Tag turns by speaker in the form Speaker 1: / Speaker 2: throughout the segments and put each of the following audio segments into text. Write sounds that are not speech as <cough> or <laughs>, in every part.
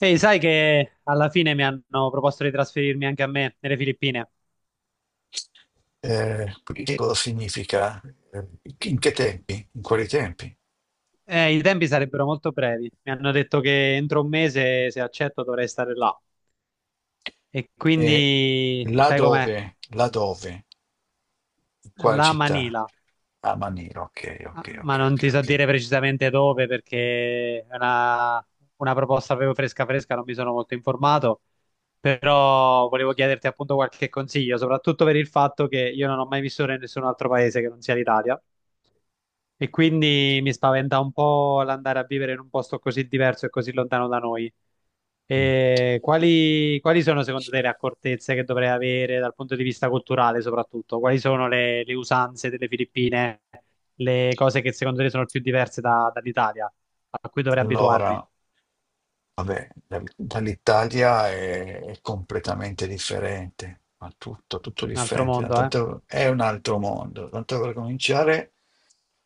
Speaker 1: Ehi, sai che alla fine mi hanno proposto di trasferirmi anche a me nelle Filippine.
Speaker 2: Quindi questo significa eh, in che tempi, in quali tempi
Speaker 1: I tempi sarebbero molto brevi. Mi hanno detto che entro un mese, se accetto, dovrei stare là. E
Speaker 2: e
Speaker 1: quindi,
Speaker 2: là
Speaker 1: sai com'è?
Speaker 2: dove, là dove, in quale
Speaker 1: La
Speaker 2: città?
Speaker 1: Manila.
Speaker 2: A Manila, ok,
Speaker 1: Ah,
Speaker 2: ok,
Speaker 1: ma
Speaker 2: ok,
Speaker 1: non ti
Speaker 2: ok,
Speaker 1: so
Speaker 2: ok.
Speaker 1: dire precisamente dove perché è una proposta proprio fresca fresca, non mi sono molto informato. Però volevo chiederti appunto qualche consiglio, soprattutto per il fatto che io non ho mai vissuto in nessun altro paese che non sia l'Italia e quindi mi spaventa un po' l'andare a vivere in un posto così diverso e così lontano da noi.
Speaker 2: Mm.
Speaker 1: E quali sono secondo te le accortezze che dovrei avere dal punto di vista culturale, soprattutto? Quali sono le usanze delle Filippine, le cose che secondo te sono più diverse dall'Italia, a cui dovrei abituarmi?
Speaker 2: Allora, vabbè, dall'Italia è completamente differente, ma tutto, tutto
Speaker 1: Un altro
Speaker 2: differente,
Speaker 1: mondo, eh?
Speaker 2: è un altro mondo. Tanto per cominciare.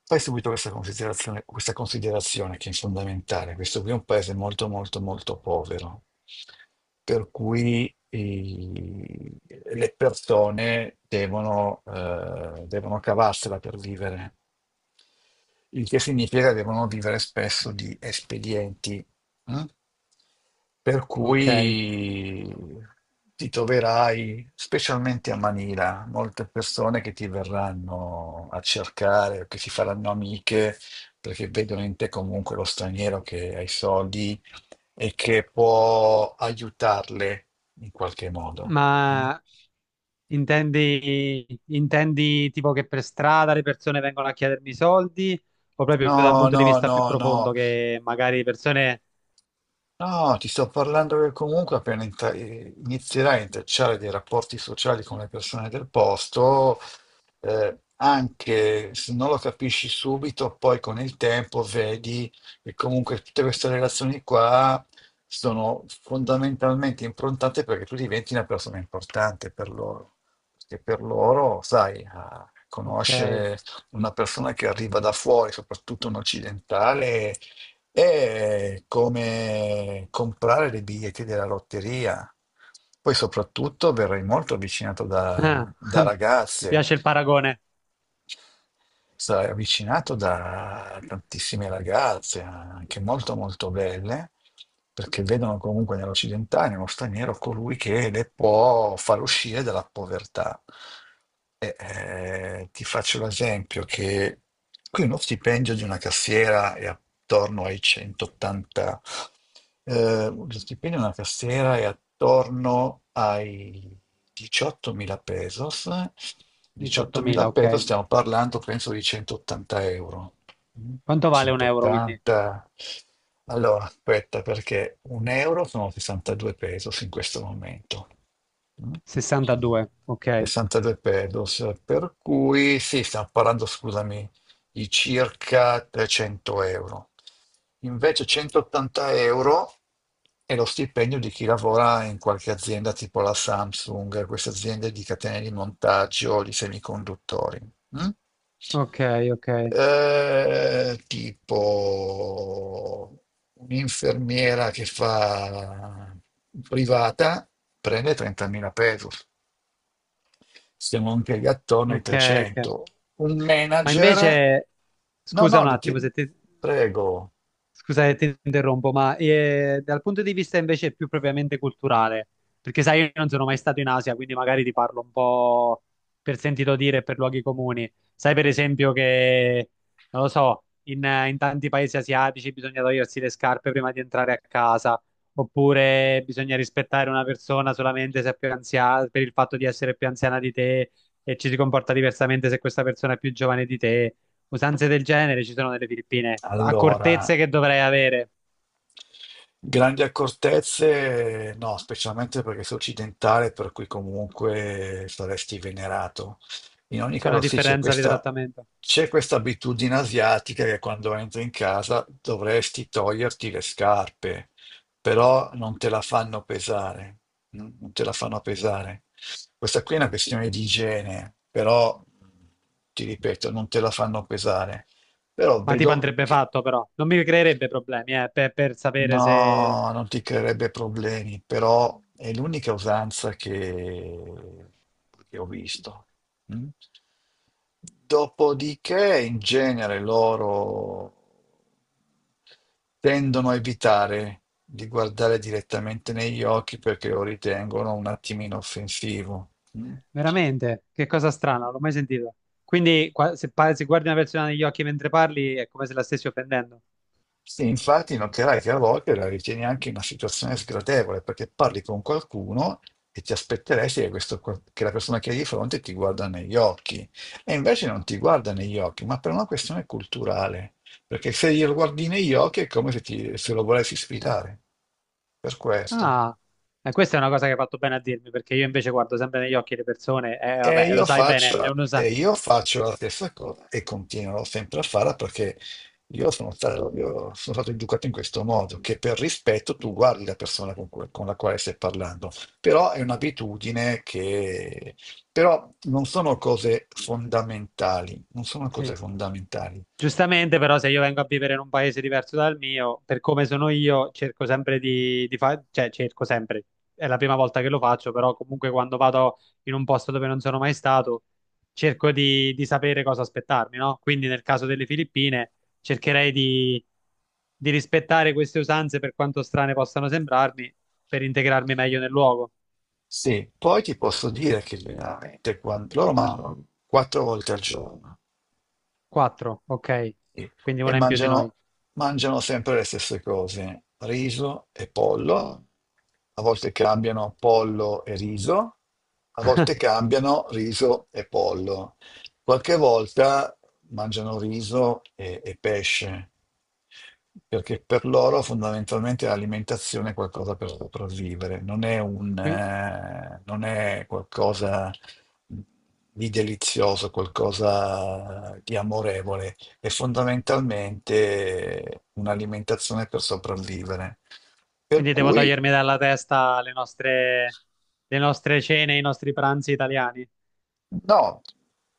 Speaker 2: Fai subito questa considerazione che è fondamentale. Questo qui è un paese molto, molto, molto povero, per cui le persone devono cavarsela per vivere, il che significa che devono vivere spesso di espedienti, mm? Per
Speaker 1: Ok.
Speaker 2: cui ti troverai, specialmente a Manila, molte persone che ti verranno a cercare, che si faranno amiche, perché vedono in te comunque lo straniero che ha i soldi e che può aiutarle in qualche modo. Mm?
Speaker 1: Ma intendi tipo che per strada le persone vengono a chiedermi soldi o proprio da un
Speaker 2: No,
Speaker 1: punto di
Speaker 2: no,
Speaker 1: vista più
Speaker 2: no,
Speaker 1: profondo
Speaker 2: no.
Speaker 1: che magari persone...
Speaker 2: No, ti sto parlando che comunque appena inizierai a intrecciare dei rapporti sociali con le persone del posto, anche se non lo capisci subito, poi con il tempo vedi che comunque tutte queste relazioni qua sono fondamentalmente improntate perché tu diventi una persona importante per loro. Perché per loro, sai, a
Speaker 1: Ok,
Speaker 2: conoscere una persona che arriva da fuori, soprattutto un occidentale, è come comprare dei biglietti della lotteria. Poi soprattutto verrai molto avvicinato
Speaker 1: ah,
Speaker 2: da,
Speaker 1: <laughs>
Speaker 2: da
Speaker 1: mi
Speaker 2: ragazze,
Speaker 1: piace il paragone.
Speaker 2: sarai avvicinato da tantissime ragazze, anche molto molto belle, perché vedono comunque nell'occidentale, nello straniero, colui che le può far uscire dalla povertà. E, ti faccio l'esempio che qui uno stipendio di una cassiera è attorno ai 180.000 lo stipendio della cassiera è attorno ai 18.000 pesos. 18.000
Speaker 1: 18.000,
Speaker 2: pesos,
Speaker 1: ok.
Speaker 2: stiamo parlando penso di 180 euro. Mm?
Speaker 1: Quanto vale un euro quindi?
Speaker 2: 180. Allora, aspetta, perché un euro sono 62 pesos in questo momento. Mm?
Speaker 1: 62, ok.
Speaker 2: 62 pesos, per cui sì, stiamo parlando, scusami, di circa 300 euro. Invece 180 euro è lo stipendio di chi lavora in qualche azienda tipo la Samsung, queste aziende di catene di montaggio di semiconduttori. Mm?
Speaker 1: Ok, ok,
Speaker 2: Tipo un'infermiera che fa privata prende 30.000 pesos. Stiamo anche lì attorno ai
Speaker 1: ok, ok.
Speaker 2: 300. Un
Speaker 1: Ma
Speaker 2: manager?
Speaker 1: invece,
Speaker 2: No,
Speaker 1: scusa
Speaker 2: no,
Speaker 1: un attimo se ti...
Speaker 2: prego.
Speaker 1: Scusa che ti interrompo, ma dal punto di vista invece più propriamente culturale, perché sai, io non sono mai stato in Asia, quindi magari ti parlo un po' per sentito dire e per luoghi comuni. Sai, per esempio, che non lo so, in tanti paesi asiatici bisogna togliersi le scarpe prima di entrare a casa, oppure bisogna rispettare una persona solamente se è più anziana, per il fatto di essere più anziana di te e ci si comporta diversamente se questa persona è più giovane di te. Usanze del genere ci sono nelle Filippine,
Speaker 2: Allora.
Speaker 1: accortezze che dovrei avere.
Speaker 2: Grandi accortezze, no, specialmente perché sei occidentale, per cui comunque saresti venerato. In ogni
Speaker 1: C'è una
Speaker 2: caso, sì, c'è
Speaker 1: differenza di
Speaker 2: questa,
Speaker 1: trattamento.
Speaker 2: c'è questa abitudine asiatica che quando entri in casa dovresti toglierti le scarpe, però non te la fanno pesare, non te la fanno pesare. Questa qui è una questione di igiene, però ti ripeto, non te la fanno pesare. Però
Speaker 1: Ma tipo
Speaker 2: vedo
Speaker 1: andrebbe
Speaker 2: che.
Speaker 1: fatto però, non mi creerebbe problemi per sapere se...
Speaker 2: No, non ti creerebbe problemi, però è l'unica usanza che ho visto. Mm? Dopodiché, in genere, loro tendono a evitare di guardare direttamente negli occhi perché lo ritengono un attimino offensivo. Mm?
Speaker 1: Veramente, che cosa strana, non l'ho mai sentito. Quindi se guardi una persona negli occhi mentre parli è come se la stessi offendendo.
Speaker 2: Sì, infatti noterai che a volte la ritieni anche una situazione sgradevole perché parli con qualcuno e ti aspetteresti che, che la persona che hai di fronte ti guarda negli occhi e invece non ti guarda negli occhi, ma per una questione culturale, perché se glielo guardi negli occhi è come se, se lo volessi sfidare. Per questo.
Speaker 1: Ah, e questa è una cosa che hai fatto bene a dirmi, perché io invece guardo sempre negli occhi le persone e
Speaker 2: E
Speaker 1: vabbè, lo
Speaker 2: io
Speaker 1: sai bene, è
Speaker 2: faccio,
Speaker 1: uno sa.
Speaker 2: e io faccio la stessa cosa e continuerò sempre a farla perché io sono stato educato in questo modo, che per rispetto tu guardi la persona con la quale stai parlando, però è un'abitudine che... però non sono cose fondamentali, non sono cose
Speaker 1: Sì.
Speaker 2: fondamentali.
Speaker 1: Giustamente, però, se io vengo a vivere in un paese diverso dal mio, per come sono io, cerco sempre di fare, cioè cerco sempre, è la prima volta che lo faccio, però comunque quando vado in un posto dove non sono mai stato, cerco di sapere cosa aspettarmi, no? Quindi nel caso delle Filippine, cercherei di rispettare queste usanze per quanto strane possano sembrarmi, per integrarmi meglio nel luogo.
Speaker 2: Sì, poi ti posso dire che veramente quando... loro mangiano quattro volte al giorno.
Speaker 1: Quattro, ok,
Speaker 2: Sì.
Speaker 1: quindi
Speaker 2: E
Speaker 1: una in più di noi.
Speaker 2: mangiano sempre le stesse cose, riso e pollo, a volte cambiano pollo e riso, a volte cambiano riso e pollo, qualche volta mangiano riso e pesce, perché per loro fondamentalmente l'alimentazione è qualcosa per sopravvivere,
Speaker 1: Qui-
Speaker 2: non è qualcosa di delizioso, qualcosa di amorevole e fondamentalmente un'alimentazione per sopravvivere. Per
Speaker 1: Quindi devo
Speaker 2: cui,
Speaker 1: togliermi dalla testa le nostre cene, i nostri pranzi italiani.
Speaker 2: no,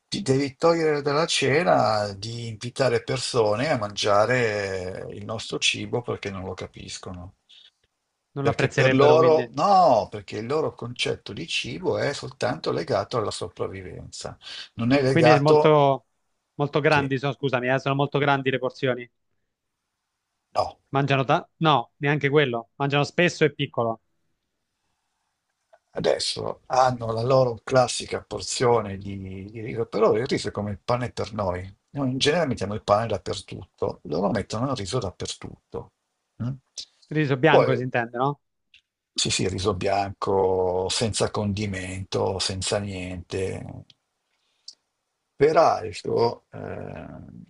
Speaker 2: ti devi togliere dalla cena di invitare persone a mangiare il nostro cibo perché non lo capiscono.
Speaker 1: Non lo
Speaker 2: Perché per
Speaker 1: apprezzerebbero,
Speaker 2: loro,
Speaker 1: quindi.
Speaker 2: no, perché il loro concetto di cibo è soltanto legato alla sopravvivenza, non è
Speaker 1: Quindi è
Speaker 2: legato,
Speaker 1: molto, molto
Speaker 2: sì,
Speaker 1: grandi, sono, scusami, sono molto grandi le porzioni.
Speaker 2: no.
Speaker 1: No, neanche quello. Mangiano spesso e piccolo.
Speaker 2: Adesso hanno la loro classica porzione di riso, però il riso è come il pane per noi. Noi in genere mettiamo il pane dappertutto, loro mettono il riso dappertutto. Mm?
Speaker 1: Riso bianco
Speaker 2: Poi
Speaker 1: si intende, no?
Speaker 2: sì, sì, riso bianco, senza condimento, senza niente. Peraltro,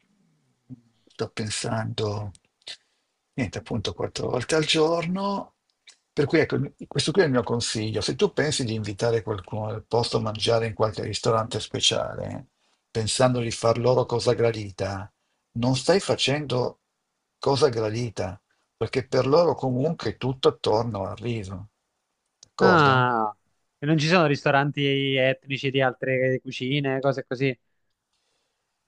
Speaker 2: sto pensando, niente, appunto, quattro volte al giorno. Per cui, ecco, questo qui è il mio consiglio. Se tu pensi di invitare qualcuno al posto a mangiare in qualche ristorante speciale, pensando di far loro cosa gradita, non stai facendo cosa gradita perché per loro comunque è tutto attorno al riso, d'accordo?
Speaker 1: Ah, e non ci sono ristoranti etnici di altre cucine, cose così.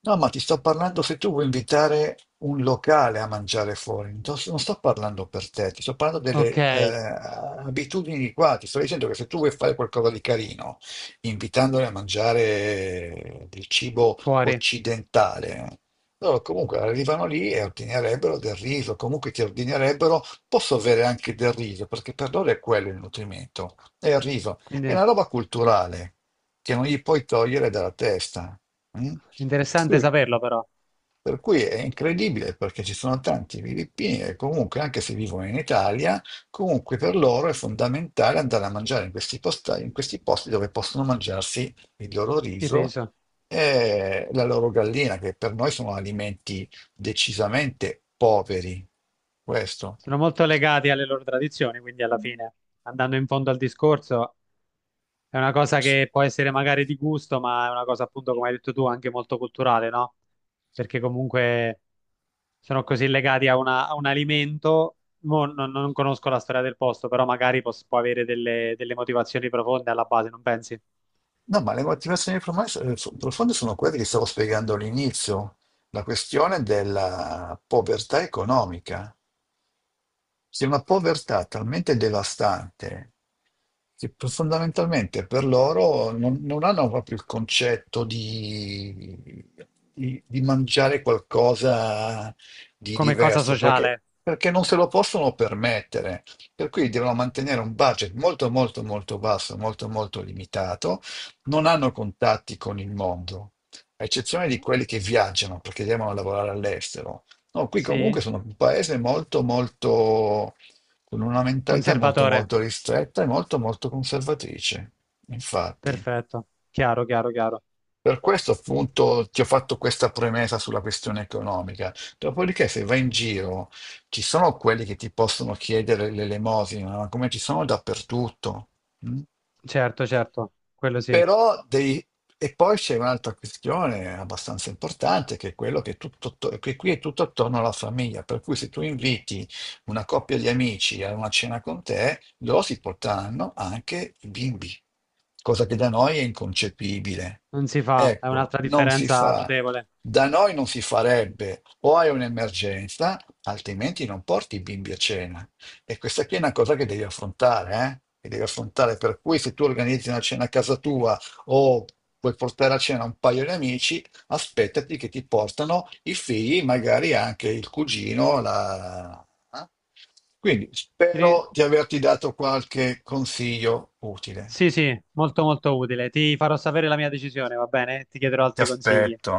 Speaker 2: No, ma ti sto parlando se tu vuoi invitare un locale a mangiare fuori, non sto parlando per te, ti sto parlando
Speaker 1: Ok,
Speaker 2: delle abitudini di qua, ti sto dicendo che se tu vuoi fare qualcosa di carino, invitandoli a mangiare del cibo
Speaker 1: fuori.
Speaker 2: occidentale, loro comunque arrivano lì e ordinerebbero del riso, comunque ti ordinerebbero, posso avere anche del riso, perché per loro è quello il nutrimento, è il riso, è una
Speaker 1: Quindi
Speaker 2: roba culturale che non gli puoi togliere dalla testa. Mm? Sì,
Speaker 1: interessante saperlo però,
Speaker 2: per cui è incredibile perché ci sono tanti filippini che comunque, anche se vivono in Italia, comunque per loro è fondamentale andare a mangiare in questi in questi posti dove possono mangiarsi il loro
Speaker 1: il
Speaker 2: riso
Speaker 1: riso.
Speaker 2: e la loro gallina, che per noi sono alimenti decisamente poveri. Questo.
Speaker 1: Sono molto legati alle loro tradizioni, quindi alla
Speaker 2: Mm.
Speaker 1: fine, andando in fondo al discorso, è una cosa che può essere magari di gusto, ma è una cosa appunto, come hai detto tu, anche molto culturale, no? Perché comunque sono così legati a un alimento. Mo non conosco la storia del posto, però magari può avere delle motivazioni profonde alla base, non pensi?
Speaker 2: No, ma le motivazioni profonde profonde sono quelle che stavo spiegando all'inizio, la questione della povertà economica. C'è una povertà talmente devastante che fondamentalmente per loro non hanno proprio il concetto di mangiare qualcosa di
Speaker 1: Come cosa
Speaker 2: diverso, perché,
Speaker 1: sociale?
Speaker 2: perché non se lo possono permettere. Per cui devono mantenere un budget molto, molto, molto basso, molto, molto limitato. Non hanno contatti con il mondo, a eccezione di quelli che viaggiano perché devono lavorare all'estero. No, qui comunque
Speaker 1: Sì,
Speaker 2: sono un paese molto, molto, con una mentalità molto,
Speaker 1: conservatore.
Speaker 2: molto ristretta e molto, molto conservatrice, infatti.
Speaker 1: Perfetto. Chiaro, chiaro, chiaro.
Speaker 2: Per questo appunto ti ho fatto questa premessa sulla questione economica. Dopodiché, se vai in giro, ci sono quelli che ti possono chiedere l'elemosina, ma come ci sono dappertutto. Mm?
Speaker 1: Certo, certo, quello sì.
Speaker 2: Però devi... E poi c'è un'altra questione abbastanza importante, che è quello che, tutto, che qui è tutto attorno alla famiglia, per cui se tu inviti una coppia di amici a una cena con te, loro si porteranno anche i bimbi, cosa che da noi è inconcepibile.
Speaker 1: Non si fa, è
Speaker 2: Ecco,
Speaker 1: un'altra
Speaker 2: non si
Speaker 1: differenza
Speaker 2: fa.
Speaker 1: notevole.
Speaker 2: Da noi non si farebbe. O hai un'emergenza, altrimenti non porti i bimbi a cena. E questa qui è una cosa che devi affrontare, eh? Che devi affrontare. Per cui se tu organizzi una cena a casa tua o vuoi portare a cena un paio di amici, aspettati che ti portano i figli, magari anche il cugino, la... eh? Quindi
Speaker 1: Ri-
Speaker 2: spero di averti dato qualche consiglio utile.
Speaker 1: Sì, sì, molto molto utile. Ti farò sapere la mia decisione, va bene? Ti chiederò
Speaker 2: Ti
Speaker 1: altri consigli.
Speaker 2: aspetto.